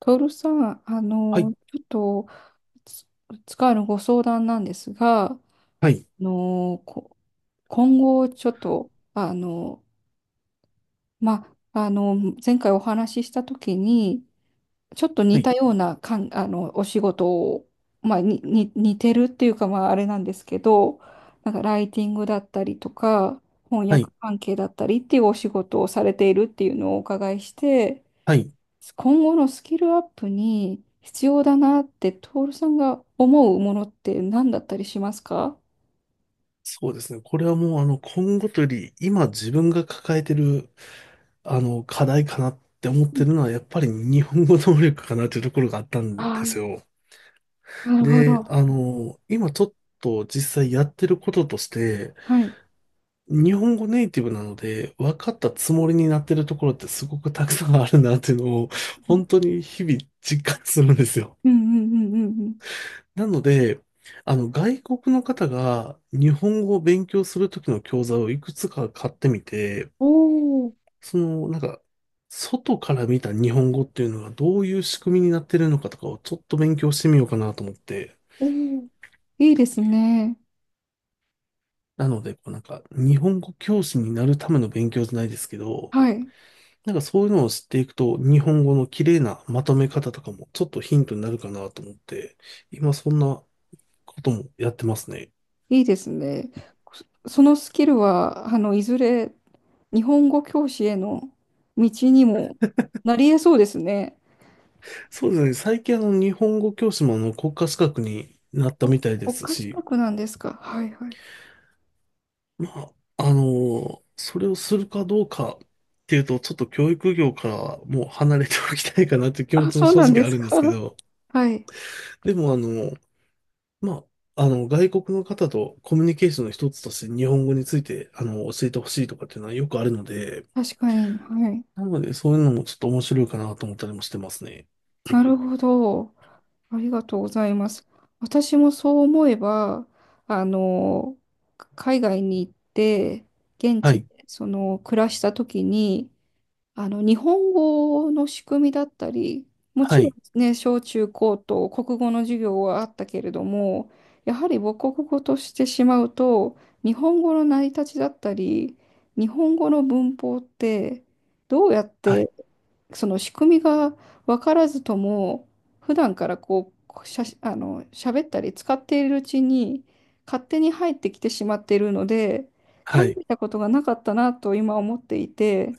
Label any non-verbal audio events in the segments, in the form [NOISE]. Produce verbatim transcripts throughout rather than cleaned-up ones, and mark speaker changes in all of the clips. Speaker 1: トールさん、あ
Speaker 2: は
Speaker 1: の、
Speaker 2: い、
Speaker 1: ちょっと、つつかのご相談なんですが、あ
Speaker 2: はい、
Speaker 1: の、こ今後、ちょっと、あの、ま、あの、前回お話ししたときに、ちょっと
Speaker 2: は
Speaker 1: 似
Speaker 2: い、
Speaker 1: たようなかん、あの、お仕事を、まあ、に、に、似てるっていうか、まあ、あれなんですけど、なんか、ライティングだったりとか、翻
Speaker 2: はい、
Speaker 1: 訳関係だったりっていうお仕事をされているっていうのをお伺いして、
Speaker 2: はい。
Speaker 1: 今後のスキルアップに必要だなって徹さんが思うものって何だったりしますか？
Speaker 2: そうですね。これはもう、あの、今後というより、今自分が抱えてる、あの、課題かなって思っ
Speaker 1: う
Speaker 2: て
Speaker 1: ん。
Speaker 2: るのは、やっぱり日本語能力かなというところがあったん
Speaker 1: あ
Speaker 2: です
Speaker 1: あ、
Speaker 2: よ。
Speaker 1: なるほ
Speaker 2: で、
Speaker 1: ど。
Speaker 2: あの、今ちょっと実際やってることとして、
Speaker 1: はい。
Speaker 2: 日本語ネイティブなので、分かったつもりになってるところってすごくたくさんあるなっていうのを、
Speaker 1: 確かに。
Speaker 2: 本当に日々実感するんですよ。
Speaker 1: うんうんうんうんうん。
Speaker 2: なので、あの、外国の方が日本語を勉強するときの教材をいくつか買ってみて、
Speaker 1: おー。
Speaker 2: その、なんか、外から見た日本語っていうのがどういう仕組みになってるのかとかをちょっと勉強してみようかなと思って。
Speaker 1: おー。いいですね。
Speaker 2: なので、こうなんか、日本語教師になるための勉強じゃないですけど、
Speaker 1: はい。
Speaker 2: なんかそういうのを知っていくと、日本語の綺麗なまとめ方とかもちょっとヒントになるかなと思って、今そんなこともやってますね。
Speaker 1: いいですね。そそのスキルは、あの、いずれ日本語教師への道にもなり得そうですね。
Speaker 2: そうですね。最近あの、日本語教師もあの、国家資格になった
Speaker 1: お、
Speaker 2: みたいで
Speaker 1: 国
Speaker 2: す
Speaker 1: 家資
Speaker 2: し、
Speaker 1: 格なんですか。はいはい。
Speaker 2: まあ、あの、それをするかどうかっていうと、ちょっと教育業からはもう離れておきたいかなっていう気持
Speaker 1: あ、
Speaker 2: ちも
Speaker 1: そう
Speaker 2: 正
Speaker 1: なんで
Speaker 2: 直あ
Speaker 1: す
Speaker 2: るんですけ
Speaker 1: か。
Speaker 2: ど、
Speaker 1: はい。
Speaker 2: でもあの、まあ、あの、外国の方とコミュニケーションの一つとして日本語について、あの、教えてほしいとかっていうのはよくあるので、
Speaker 1: 確かに。はい。
Speaker 2: なのでそういうのもちょっと面白いかなと思ったりもしてますね。
Speaker 1: なるほど。ありがとうございます。私もそう思えば、あの、海外に行って、現
Speaker 2: は
Speaker 1: 地で
Speaker 2: い。
Speaker 1: その暮らした時に、あの日本語の仕組みだったり、も
Speaker 2: は
Speaker 1: ちろん
Speaker 2: い。
Speaker 1: ね、小中高と国語の授業はあったけれども、やはり母国語としてしまうと、日本語の成り立ちだったり、日本語の文法ってどうやっ
Speaker 2: はい。
Speaker 1: てその仕組みが分からずとも普段からこうしゃあの喋ったり使っているうちに勝手に入ってきてしまっているので考
Speaker 2: はい。
Speaker 1: えたことがなかったなと今思っていて。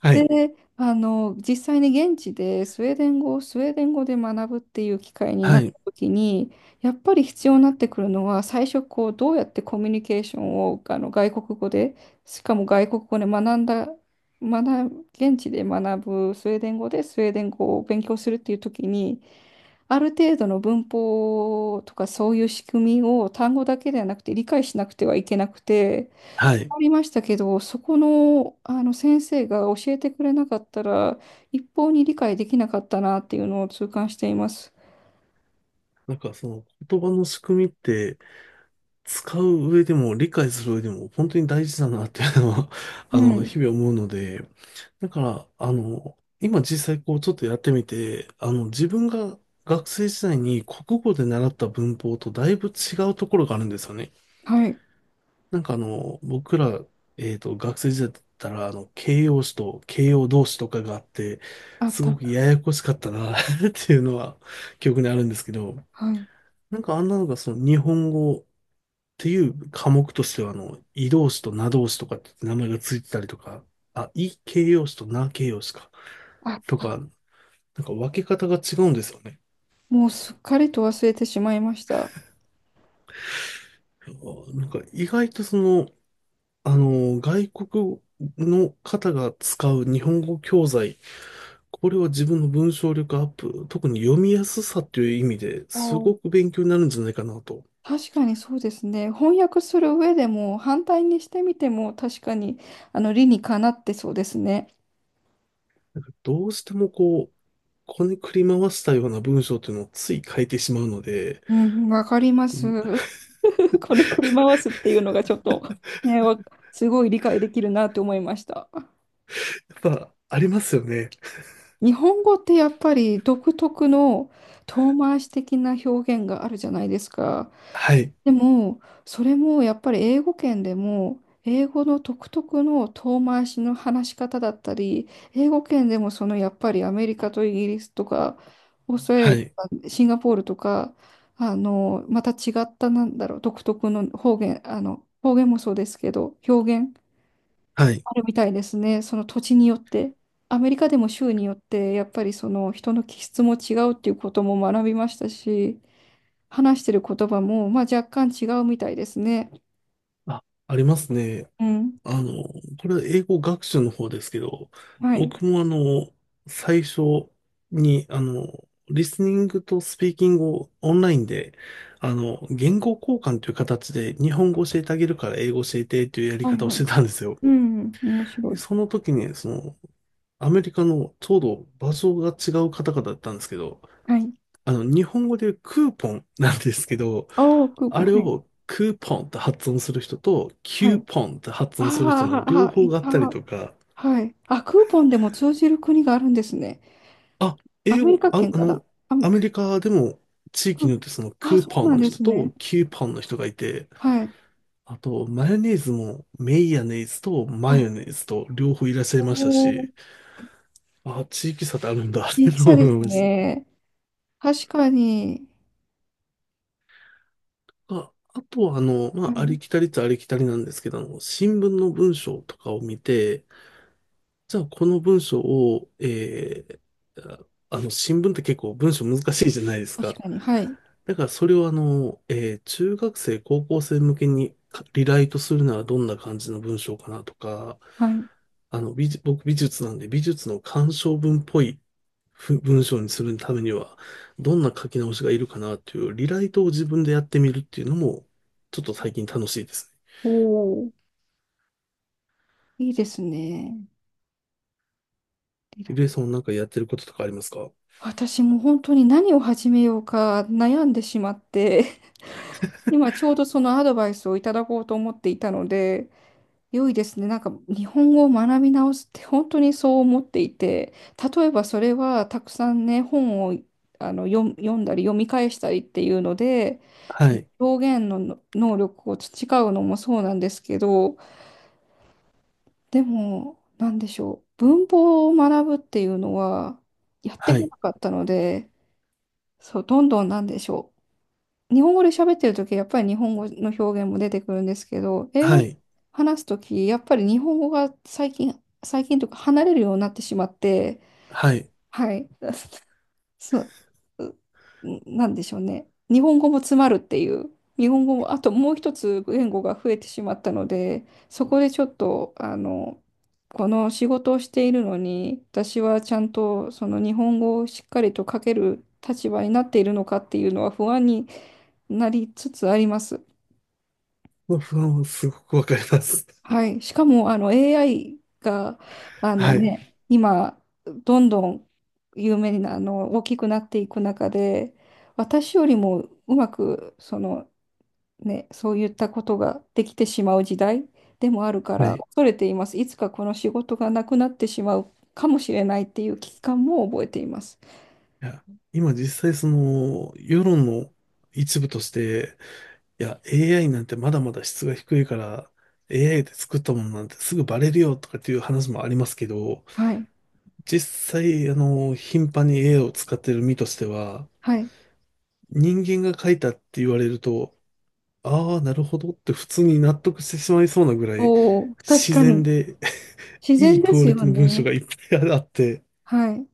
Speaker 2: はい。
Speaker 1: で、あの、実際に現地でスウェーデン語をスウェーデン語で学ぶっていう機会に
Speaker 2: は
Speaker 1: なった
Speaker 2: い。
Speaker 1: 時に、やっぱり必要になってくるのは、最初こう、どうやってコミュニケーションをあの外国語で、しかも外国語で学んだ、学、現地で学ぶスウェーデン語でスウェーデン語を勉強するっていう時に、ある程度の文法とかそういう仕組みを単語だけではなくて理解しなくてはいけなくて、
Speaker 2: はい。
Speaker 1: 学りましたけど、そこの、あの先生が教えてくれなかったら、一方に理解できなかったなっていうのを痛感しています。
Speaker 2: なんかその言葉の仕組みって使う上でも理解する上でも本当に大事だなっていうのは [LAUGHS]
Speaker 1: う
Speaker 2: あの、日
Speaker 1: ん。
Speaker 2: 々思うので、だから、あの、今実際こうちょっとやってみて、あの、自分が学生時代に国語で習った文法とだいぶ違うところがあるんですよね。
Speaker 1: はい。
Speaker 2: なんかあの、僕ら、えっと、学生時代だったら、あの、形容詞と形容動詞とかがあって、
Speaker 1: あっ
Speaker 2: すごく
Speaker 1: た。
Speaker 2: ややこしかったな [LAUGHS] っていうのは記憶にあるんですけど、
Speaker 1: はい。
Speaker 2: なんかあんなのがその日本語っていう科目としてはあの、移動詞と名動詞とかって名前がついてたりとか、あ、い形容詞とな形容詞か、
Speaker 1: あっ
Speaker 2: と
Speaker 1: た。
Speaker 2: か、なんか分け方が違うんですよね。
Speaker 1: もうすっかりと忘れてしまいました。
Speaker 2: あ、なんか意外とその、あの、外国の方が使う日本語教材、これは自分の文章力アップ、特に読みやすさっていう意味で
Speaker 1: あ
Speaker 2: す
Speaker 1: ー、
Speaker 2: ごく勉強になるんじゃないかなと。
Speaker 1: 確かにそうですね。翻訳する上でも、反対にしてみても、確かに、あの、理にかなってそうですね。
Speaker 2: どうしてもこう、こねくり回したような文章っていうのをつい書いてしまうので、
Speaker 1: うん、わかりま
Speaker 2: う
Speaker 1: す。
Speaker 2: ん、
Speaker 1: [LAUGHS] こねくり回すっていうのがちょっと、ね、わすごい理解できるなと思いました。
Speaker 2: やっぱありますよね。
Speaker 1: 日本語ってやっぱり独特の遠回し的な表現があるじゃないですか。
Speaker 2: はい。
Speaker 1: でも、それもやっぱり英語圏でも、英語の独特の遠回しの話し方だったり、英語圏でもそのやっぱりアメリカとイギリスとか、オーストラリ
Speaker 2: は
Speaker 1: アと
Speaker 2: い。
Speaker 1: か、シンガポールとか、あの、また違ったなんだろう、独特の方言、あの、方言もそうですけど、表現
Speaker 2: はい。
Speaker 1: あるみたいですね。その土地によって。アメリカでも州によって、やっぱりその人の気質も違うっていうことも学びましたし、話してる言葉も、まあ、若干違うみたいですね。
Speaker 2: あ、ありますね。
Speaker 1: うん。
Speaker 2: あの、これは英語学習の方ですけど、
Speaker 1: はい。
Speaker 2: 僕もあの、最初に、あの、リスニングとスピーキングをオンラインで、あの、言語交換という形で日本語教えてあげるから英語教えてというやり
Speaker 1: はい
Speaker 2: 方を
Speaker 1: は
Speaker 2: して
Speaker 1: い。
Speaker 2: たんですよ。
Speaker 1: うん。面白
Speaker 2: で、
Speaker 1: い。
Speaker 2: その時に、その、アメリカのちょうど場所が違う方々だったんですけど、
Speaker 1: はい。
Speaker 2: あの、日本語でクーポンなんですけど、
Speaker 1: ああ、クー
Speaker 2: あ
Speaker 1: ポン。
Speaker 2: れ
Speaker 1: はい。
Speaker 2: をクーポンって発音する人と、キ
Speaker 1: は
Speaker 2: ュー
Speaker 1: い。
Speaker 2: ポンって発
Speaker 1: あ
Speaker 2: 音する人の
Speaker 1: あ、
Speaker 2: 両
Speaker 1: ああ、
Speaker 2: 方
Speaker 1: い
Speaker 2: があっ
Speaker 1: た。
Speaker 2: たりとか、
Speaker 1: はい。あ、クーポンでも通じる国があるんですね。
Speaker 2: あ、
Speaker 1: ア
Speaker 2: 英
Speaker 1: メリ
Speaker 2: 語、
Speaker 1: カ
Speaker 2: あ、
Speaker 1: 圏
Speaker 2: あ
Speaker 1: から。
Speaker 2: の、
Speaker 1: あ、ク
Speaker 2: アメ
Speaker 1: ー
Speaker 2: リカでも地
Speaker 1: ポ
Speaker 2: 域に
Speaker 1: ン、
Speaker 2: よってその
Speaker 1: あ、
Speaker 2: クー
Speaker 1: そ
Speaker 2: ポ
Speaker 1: うな
Speaker 2: ン
Speaker 1: ん
Speaker 2: の
Speaker 1: で
Speaker 2: 人
Speaker 1: すね。
Speaker 2: とキューポンの人がいて、
Speaker 1: はい。
Speaker 2: あと、マヨネーズもメイヤネーズとマ
Speaker 1: はい。
Speaker 2: ヨネーズと両方いらっしゃい
Speaker 1: お
Speaker 2: ました
Speaker 1: ー、
Speaker 2: し、あ、地域差ってあるんだっ
Speaker 1: い
Speaker 2: て
Speaker 1: い差
Speaker 2: 思
Speaker 1: です
Speaker 2: いました。
Speaker 1: ね。確かに。
Speaker 2: あ、あとは、あの、ま
Speaker 1: は
Speaker 2: あ、あ
Speaker 1: い。
Speaker 2: りきたりっちゃありきたりなんですけど、あの、新聞の文章とかを見て、じゃあこの文章を、えーああの、新聞って結構文章難しいじゃないです
Speaker 1: 確
Speaker 2: か。
Speaker 1: かに。はい。
Speaker 2: だからそれをあの、えー中学生、高校生向けにかリライトするならどんな感じの文章かなとか、
Speaker 1: はい。
Speaker 2: あの、美術、僕美術なんで美術の鑑賞文っぽいふ文章にするためには、どんな書き直しがいるかなっていうリライトを自分でやってみるっていうのも、ちょっと最近楽しいですね。
Speaker 1: おお、いいですね。リ
Speaker 2: ゆ
Speaker 1: ラ
Speaker 2: りえさんはなんかやってることとかありますか？
Speaker 1: 私も本当に何を始めようか悩んでしまって、[LAUGHS] 今ちょうどそのアドバイスをいただこうと思っていたので、良いですね。なんか日本語を学び直すって本当にそう思っていて、例えばそれはたくさんね、本をあの読読んだり読み返したりっていうので、
Speaker 2: はい、
Speaker 1: 表現の能力を培うのもそうなんですけど、でも、なんでしょう。文法を学ぶっていうのは、やって
Speaker 2: は
Speaker 1: こ
Speaker 2: い、
Speaker 1: なかったので、そう、どんどんなんでしょう。日本語で喋ってるとき、やっぱり日本語の表現も出てくるんですけど、英
Speaker 2: は
Speaker 1: 語で
Speaker 2: い、
Speaker 1: 話すとき、やっぱり日本語が最近、最近というか離れるようになってしまって、
Speaker 2: はい。
Speaker 1: はい。[LAUGHS] そうん、なんでしょうね。日本語も詰まるっていう。日本語も、あともう一つ言語が増えてしまったので、そこでちょっと、あの、この仕事をしているのに、私はちゃんとその日本語をしっかりと書ける立場になっているのかっていうのは不安になりつつあります。
Speaker 2: まあ不安はすごくわかります。
Speaker 1: はい。しかも、あの、エーアイ が、あ
Speaker 2: [LAUGHS]
Speaker 1: の
Speaker 2: はい、
Speaker 1: ね、今、どんどん有名にな、あの、大きくなっていく中で、私よりもうまくそのね、そういったことができてしまう時代でもあるか
Speaker 2: は
Speaker 1: ら
Speaker 2: い。
Speaker 1: 恐れています。いつかこの仕事がなくなってしまうかもしれないっていう危機感も覚えています。
Speaker 2: いや、今実際その世論の一部として、いや、エーアイ なんてまだまだ質が低いから、エーアイ で作ったものなんてすぐバレるよとかっていう話もありますけど、
Speaker 1: はい。
Speaker 2: 実際、あの、頻繁に エーアイ を使ってる身としては、
Speaker 1: はい。
Speaker 2: 人間が書いたって言われると、ああ、なるほどって普通に納得してしまいそうなぐらい、
Speaker 1: おお、確
Speaker 2: 自
Speaker 1: か
Speaker 2: 然
Speaker 1: に。
Speaker 2: で [LAUGHS]
Speaker 1: 自
Speaker 2: い
Speaker 1: 然
Speaker 2: い
Speaker 1: で
Speaker 2: クオ
Speaker 1: す
Speaker 2: リテ
Speaker 1: よ
Speaker 2: ィの文章
Speaker 1: ね。
Speaker 2: がいっぱいあって、
Speaker 1: はい。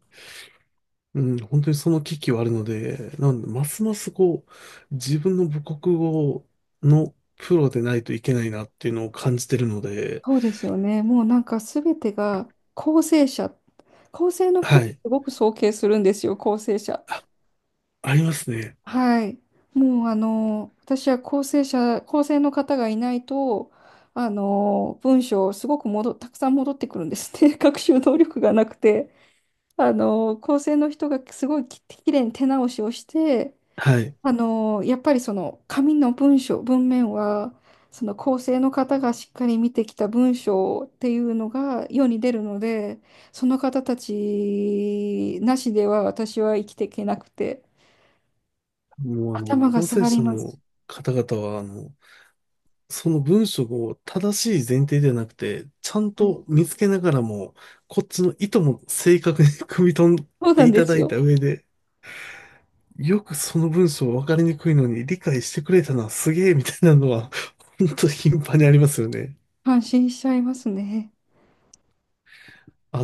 Speaker 2: うん、本当にその危機はあるので、なんで、ますますこう、自分の母国語のプロでないといけないなっていうのを感じてるので、
Speaker 1: そうですよね。もうなんか全てが構成者。構成の人っ
Speaker 2: は
Speaker 1: て
Speaker 2: い。
Speaker 1: すごく尊敬するんですよ、構成者。
Speaker 2: あ、ありますね。
Speaker 1: はい。もうあの、私は構成者、構成の方がいないと、あの、文章すごく戻たくさん戻ってくるんですね。[LAUGHS] 学習能力がなくて。あの、構成の人がすごいき、きれいに手直しをして、
Speaker 2: はい。
Speaker 1: あの、やっぱりその紙の文章、文面は、その構成の方がしっかり見てきた文章っていうのが世に出るので、その方たちなしでは私は生きていけなくて、
Speaker 2: もうあの、
Speaker 1: 頭が
Speaker 2: 構
Speaker 1: 下
Speaker 2: 成
Speaker 1: がり
Speaker 2: 者
Speaker 1: ます。
Speaker 2: の方々は、あの、その文章を正しい前提ではなくて、ちゃんと見つけながらも、こっちの意図も正確に [LAUGHS] 汲み取っ
Speaker 1: そう
Speaker 2: て
Speaker 1: なん
Speaker 2: い
Speaker 1: で
Speaker 2: ただ
Speaker 1: す
Speaker 2: い
Speaker 1: よ。
Speaker 2: た上で、よくその文章分かりにくいのに理解してくれたな、すげえみたいなのは、本当に頻繁にありますよね。
Speaker 1: 感心しちゃいますね。
Speaker 2: あ